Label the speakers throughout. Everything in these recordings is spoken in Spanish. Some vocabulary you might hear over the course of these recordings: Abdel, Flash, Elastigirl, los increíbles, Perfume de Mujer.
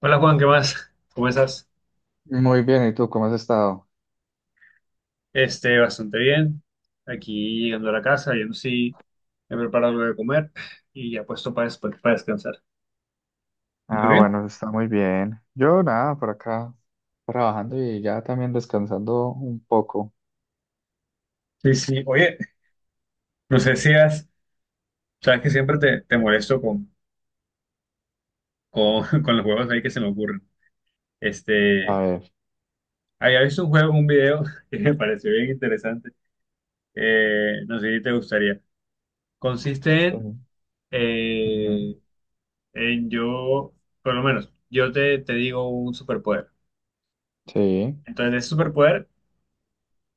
Speaker 1: Hola Juan, ¿qué más? ¿Cómo estás?
Speaker 2: Muy bien, ¿y tú cómo has estado?
Speaker 1: Bastante bien. Aquí llegando a la casa, yo sí he preparado algo de comer y ya puesto para descansar. ¿Y tú
Speaker 2: Ah,
Speaker 1: qué?
Speaker 2: bueno, está muy bien. Yo nada, por acá trabajando y ya también descansando un poco.
Speaker 1: Sí, sí. Oye, no sé si has, sabes que siempre te molesto con los juegos ahí que se me ocurren.
Speaker 2: A
Speaker 1: Este,
Speaker 2: ver.
Speaker 1: Había visto un juego, un video que me pareció bien interesante. No sé si te gustaría. Consiste en,
Speaker 2: Eh, ujú.
Speaker 1: eh, en yo, por lo menos, yo te digo un superpoder.
Speaker 2: Sí,
Speaker 1: Entonces, de ese superpoder,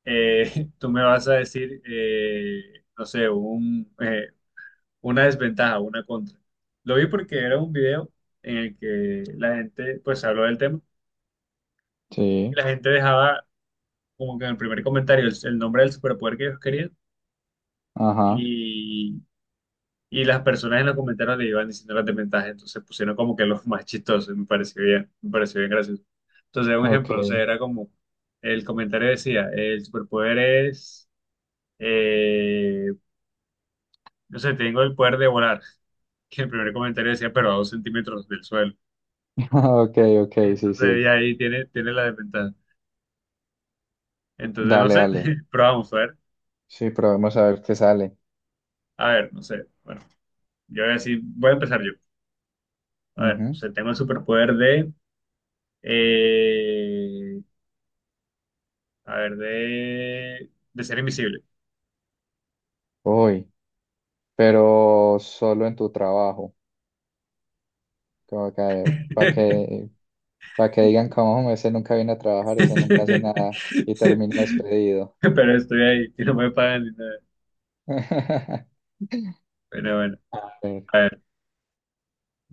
Speaker 1: tú me vas a decir, no sé, una desventaja, una contra. Lo vi porque era un video en el que la gente, pues, habló del tema y
Speaker 2: sí,
Speaker 1: la gente dejaba como que en el primer comentario el nombre del superpoder que ellos querían
Speaker 2: ajá,
Speaker 1: y, y las personas en los comentarios le iban diciendo las desventajas. Entonces pusieron como que los más chistosos, me pareció bien gracioso. Entonces, un
Speaker 2: ok,
Speaker 1: ejemplo, no sé, era como el comentario decía, el superpoder es... eh, no sé, tengo el poder de volar, que el primer comentario decía, pero a 2 centímetros del suelo.
Speaker 2: ok, ok, sí,
Speaker 1: Entonces
Speaker 2: sí.
Speaker 1: ella ahí tiene la desventaja. Entonces, no
Speaker 2: Dale,
Speaker 1: sé,
Speaker 2: dale.
Speaker 1: pero vamos a ver.
Speaker 2: Sí, probemos a ver qué sale.
Speaker 1: A ver, no sé. Bueno, yo voy a decir, voy a empezar yo. A ver, no
Speaker 2: Ujú.
Speaker 1: sé, tengo el superpoder de, eh, a ver, de ser invisible.
Speaker 2: Uy, pero solo en tu trabajo, como que para que digan como ese nunca viene a trabajar, ese nunca hace nada y termina despedido.
Speaker 1: Pero estoy ahí, que no me pagan ni nada. Bueno, bueno,
Speaker 2: A ver.
Speaker 1: a ver.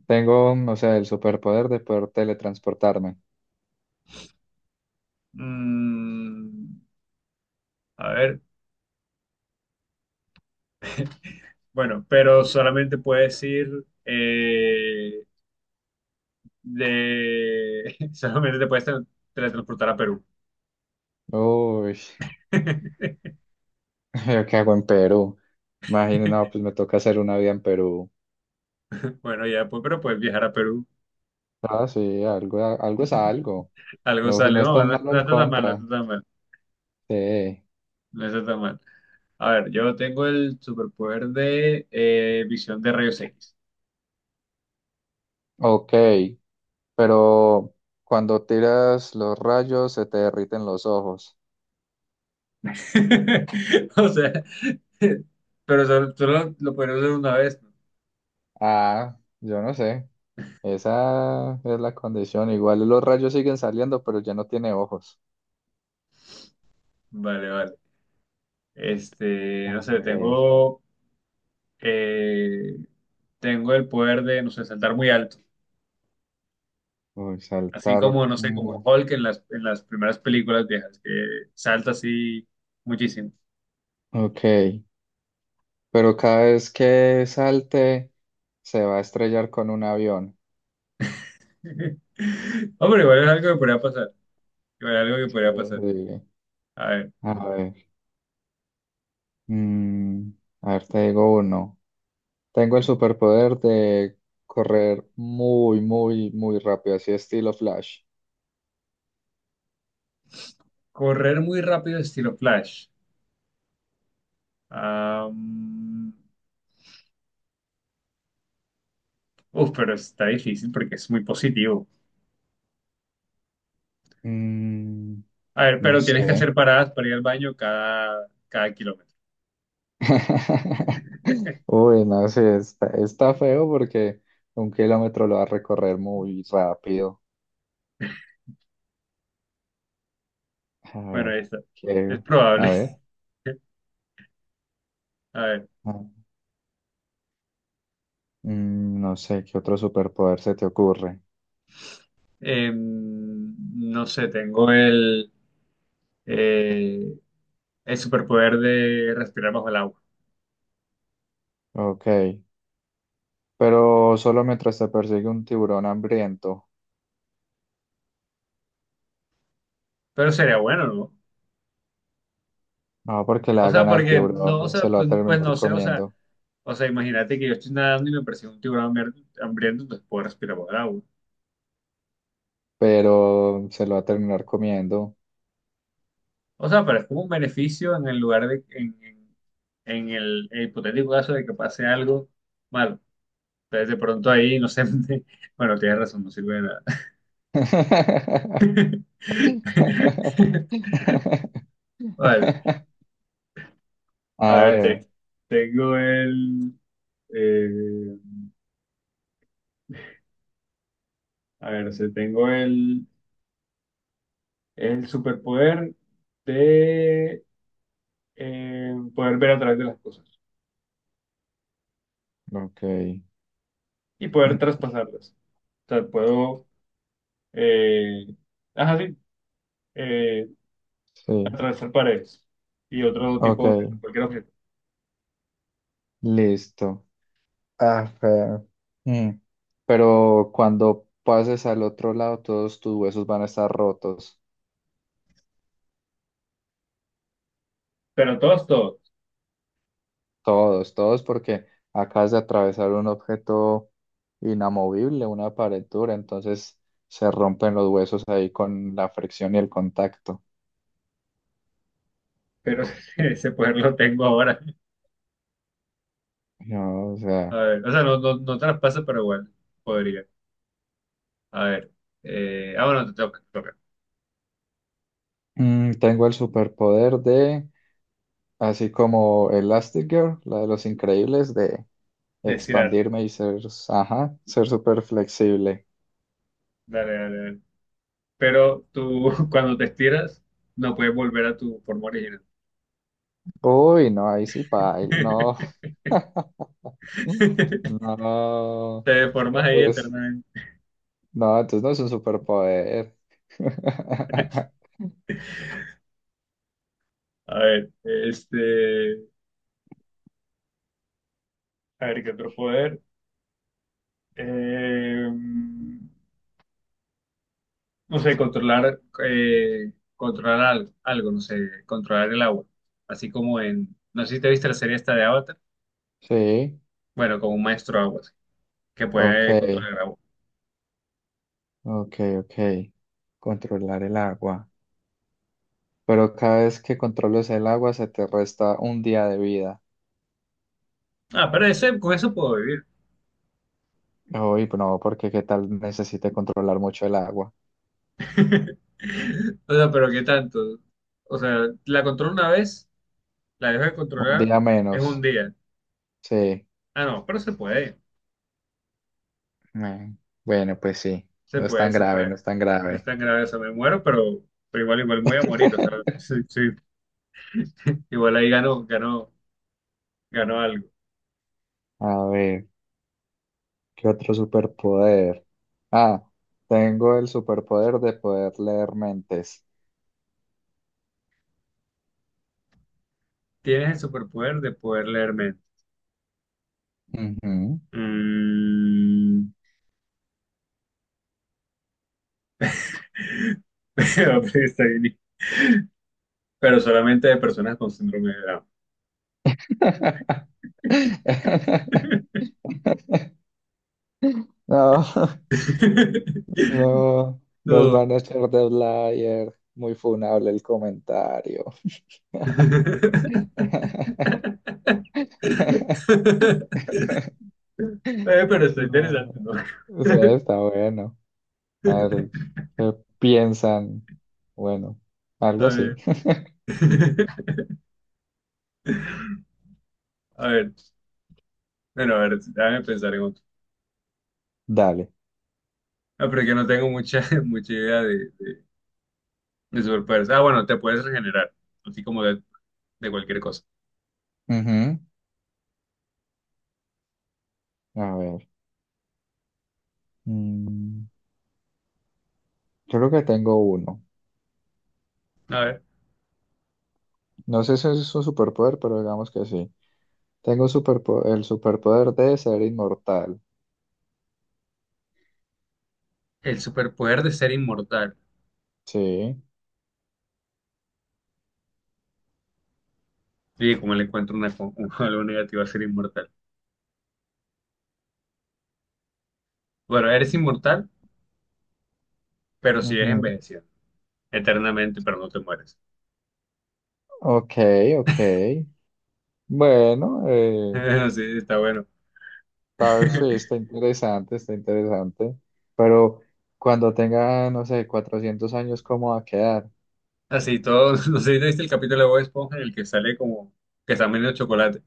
Speaker 2: Tengo, o sea, el superpoder de poder teletransportarme.
Speaker 1: Mm, a ver, bueno, pero solamente puedes ir eh, de... Solamente te puedes teletransportar a Perú.
Speaker 2: Uy, ¿yo qué hago en Perú? Imagínate, no, pues me toca hacer una vida en Perú.
Speaker 1: Bueno, ya, pues, pero puedes viajar a Perú.
Speaker 2: Ah, sí, algo, algo es algo.
Speaker 1: Algo
Speaker 2: No, pues
Speaker 1: sale.
Speaker 2: no es
Speaker 1: No, no,
Speaker 2: tan
Speaker 1: no
Speaker 2: malo el
Speaker 1: está tan mal, no
Speaker 2: contra.
Speaker 1: está tan mal.
Speaker 2: Sí.
Speaker 1: No está tan mal. A ver, yo tengo el superpoder de visión de rayos X.
Speaker 2: Ok, pero cuando tiras los rayos se te derriten los ojos.
Speaker 1: O sea, pero solo lo podría usar una vez, ¿no?
Speaker 2: Ah, yo no sé. Esa es la condición. Igual los rayos siguen saliendo, pero ya no tiene ojos.
Speaker 1: Vale, vale.
Speaker 2: A
Speaker 1: No sé,
Speaker 2: ver,
Speaker 1: tengo... eh, tengo el poder de, no sé, saltar muy alto.
Speaker 2: uy,
Speaker 1: Así
Speaker 2: saltar.
Speaker 1: como, no sé, como Hulk en en las primeras películas viejas, que salta así muchísimo.
Speaker 2: Ok, pero cada vez que salte se va a estrellar con un avión.
Speaker 1: Hombre, igual es algo que podría pasar. Igual es algo que
Speaker 2: Sí,
Speaker 1: podría pasar.
Speaker 2: sí.
Speaker 1: A ver,
Speaker 2: A ver, mm, a ver, te digo uno. Tengo el superpoder de correr muy, muy, muy rápido, así estilo Flash.
Speaker 1: correr muy rápido estilo Flash. Am, pero está difícil porque es muy positivo.
Speaker 2: Mm,
Speaker 1: A ver,
Speaker 2: no
Speaker 1: pero tienes que hacer
Speaker 2: sé.
Speaker 1: paradas para ir al baño cada kilómetro.
Speaker 2: Uy, no sé, está feo porque un kilómetro lo va a recorrer muy rápido. A
Speaker 1: Bueno, ahí
Speaker 2: ver,
Speaker 1: está.
Speaker 2: ¿qué?
Speaker 1: Es
Speaker 2: A
Speaker 1: probable.
Speaker 2: ver.
Speaker 1: A ver,
Speaker 2: Mm, no sé qué otro superpoder se te ocurre.
Speaker 1: em, no sé, tengo eh, el superpoder de respirar bajo el agua.
Speaker 2: Ok, pero solo mientras te persigue un tiburón hambriento.
Speaker 1: Pero sería bueno, ¿no?
Speaker 2: No, porque le va
Speaker 1: O
Speaker 2: a
Speaker 1: sea,
Speaker 2: ganar
Speaker 1: porque no, o
Speaker 2: tiburón y
Speaker 1: sea,
Speaker 2: se lo va a
Speaker 1: pues, pues
Speaker 2: terminar
Speaker 1: no sé,
Speaker 2: comiendo.
Speaker 1: o sea, imagínate que yo estoy nadando y me persigue un tiburón hambriento, entonces puedo respirar bajo el agua.
Speaker 2: Pero se lo va a terminar comiendo.
Speaker 1: O sea, pero es como un beneficio en el lugar en el hipotético caso de que pase algo malo. Entonces, de pronto ahí, no sé, bueno, tienes razón, no sirve de nada. Vale, a
Speaker 2: A
Speaker 1: ver,
Speaker 2: ver,
Speaker 1: tengo el, eh, a ver, o sea, tengo el superpoder de poder ver a través de las cosas
Speaker 2: ok.
Speaker 1: y poder traspasarlas. O sea, puedo, eh, ajá, sí, eh,
Speaker 2: Sí,
Speaker 1: atravesar paredes y otro tipo
Speaker 2: ok,
Speaker 1: de objeto, cualquier objeto.
Speaker 2: listo. Ah, pero, mm, pero cuando pases al otro lado, todos tus huesos van a estar rotos.
Speaker 1: Pero todos, todos.
Speaker 2: Todos, todos, porque acabas de atravesar un objeto inamovible, una pared dura, entonces se rompen los huesos ahí con la fricción y el contacto.
Speaker 1: Pero ese poder lo tengo ahora.
Speaker 2: Yo, o
Speaker 1: A
Speaker 2: sea,
Speaker 1: ver, o sea, no traspasa, pero igual podría. A ver. Ah, bueno, te toca, te toca.
Speaker 2: mm, tengo el superpoder de, así como Elastigirl, la de los increíbles, de
Speaker 1: De estirar.
Speaker 2: expandirme y ser, ajá, ser súper flexible.
Speaker 1: Dale, dale, dale. Pero tú, cuando te estiras, no puedes volver a tu forma original.
Speaker 2: Uy, no, ahí sí, paila, no. No.
Speaker 1: Te deformas ahí
Speaker 2: Entonces.
Speaker 1: eternamente.
Speaker 2: No, entonces no es un superpoder.
Speaker 1: A ver, este, a ver, ¿qué otro poder? Eh, no sé, controlar algo, no sé, controlar el agua. Así como en, no sé si te viste la serie esta de Avatar,
Speaker 2: Sí,
Speaker 1: bueno, como un maestro agua, así, que
Speaker 2: ok,
Speaker 1: puede controlar el agua.
Speaker 2: ok, ok. Controlar el agua. Pero cada vez que controles el agua se te resta un día de vida.
Speaker 1: Ah, pero ese, con eso puedo vivir.
Speaker 2: Uy, no, porque qué tal necesite controlar mucho el agua.
Speaker 1: O sea, pero ¿qué tanto? O sea, la controlo una vez, la dejo de
Speaker 2: Un
Speaker 1: controlar,
Speaker 2: día
Speaker 1: es un
Speaker 2: menos.
Speaker 1: día.
Speaker 2: Sí.
Speaker 1: Ah, no, pero se puede.
Speaker 2: Mm, bueno, pues sí.
Speaker 1: Se
Speaker 2: No es
Speaker 1: puede,
Speaker 2: tan
Speaker 1: se
Speaker 2: grave,
Speaker 1: puede.
Speaker 2: no es tan
Speaker 1: No es
Speaker 2: grave.
Speaker 1: tan grave, o sea, me muero, pero igual, igual voy a morir, o sea, sí, sí. Igual ahí ganó, ganó, ganó algo.
Speaker 2: A ver, ¿qué otro superpoder? Ah, tengo el superpoder de poder leer mentes.
Speaker 1: Tienes el superpoder de poder leer mente.
Speaker 2: Ujú.
Speaker 1: Mm, pero, pues, está bien. Pero solamente de personas con síndrome de Down.
Speaker 2: No, no, nos
Speaker 1: No.
Speaker 2: van a echar de Blair. Muy funable el comentario.
Speaker 1: Pero está
Speaker 2: No,
Speaker 1: interesante, ¿no?
Speaker 2: o sea, está bueno. A ver, ¿qué piensan? Bueno, algo
Speaker 1: A
Speaker 2: así.
Speaker 1: ver. A ver. Bueno, a ver, déjame pensar en otro.
Speaker 2: Dale.
Speaker 1: Ah, pero es que no tengo mucha, mucha idea de superpoderes. Ah, bueno, te puedes regenerar, así como de cualquier cosa.
Speaker 2: Ujú. A ver. mm, Creo que tengo uno.
Speaker 1: A ver,
Speaker 2: No sé si es un superpoder, pero digamos que sí. Tengo el superpoder de ser inmortal.
Speaker 1: el superpoder de ser inmortal.
Speaker 2: Sí.
Speaker 1: Sí, como le encuentro una, algo negativo a ser inmortal. Bueno, eres inmortal, pero sigues
Speaker 2: Ujú.
Speaker 1: envejeciendo eternamente, pero no te mueres.
Speaker 2: Ok, ok. Bueno,
Speaker 1: Bueno, sí, está bueno.
Speaker 2: tal, vez sí, está interesante, está interesante. Pero cuando tenga, no sé, 400 años, ¿cómo va a quedar?
Speaker 1: Así todo, no sé si te viste el capítulo de Bob Esponja en el que sale como que está medio chocolate.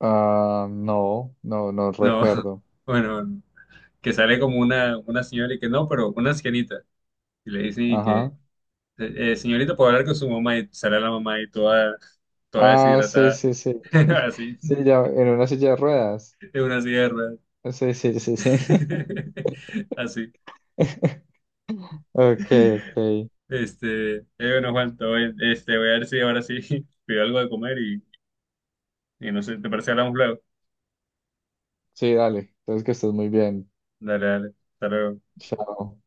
Speaker 2: Ah, no, no, no
Speaker 1: No,
Speaker 2: recuerdo.
Speaker 1: bueno, que sale como una señora y que no, pero una ancianita. Y le dicen y que...
Speaker 2: Ajá.
Speaker 1: Señorita, puedo hablar con su mamá y sale la mamá y toda
Speaker 2: Ah, sí,
Speaker 1: deshidratada,
Speaker 2: sí, sí.
Speaker 1: así,
Speaker 2: Sí, ya, en una silla de ruedas.
Speaker 1: en una sierra,
Speaker 2: Sí, sí, sí, sí.
Speaker 1: así.
Speaker 2: Ok, ok.
Speaker 1: Bueno, Juan, todo bien. Este, voy a ver si ahora sí pido algo de comer y no sé, ¿te parece que hablamos luego?
Speaker 2: Sí, dale. Entonces que estés muy bien.
Speaker 1: Dale, dale, hasta luego.
Speaker 2: Chao.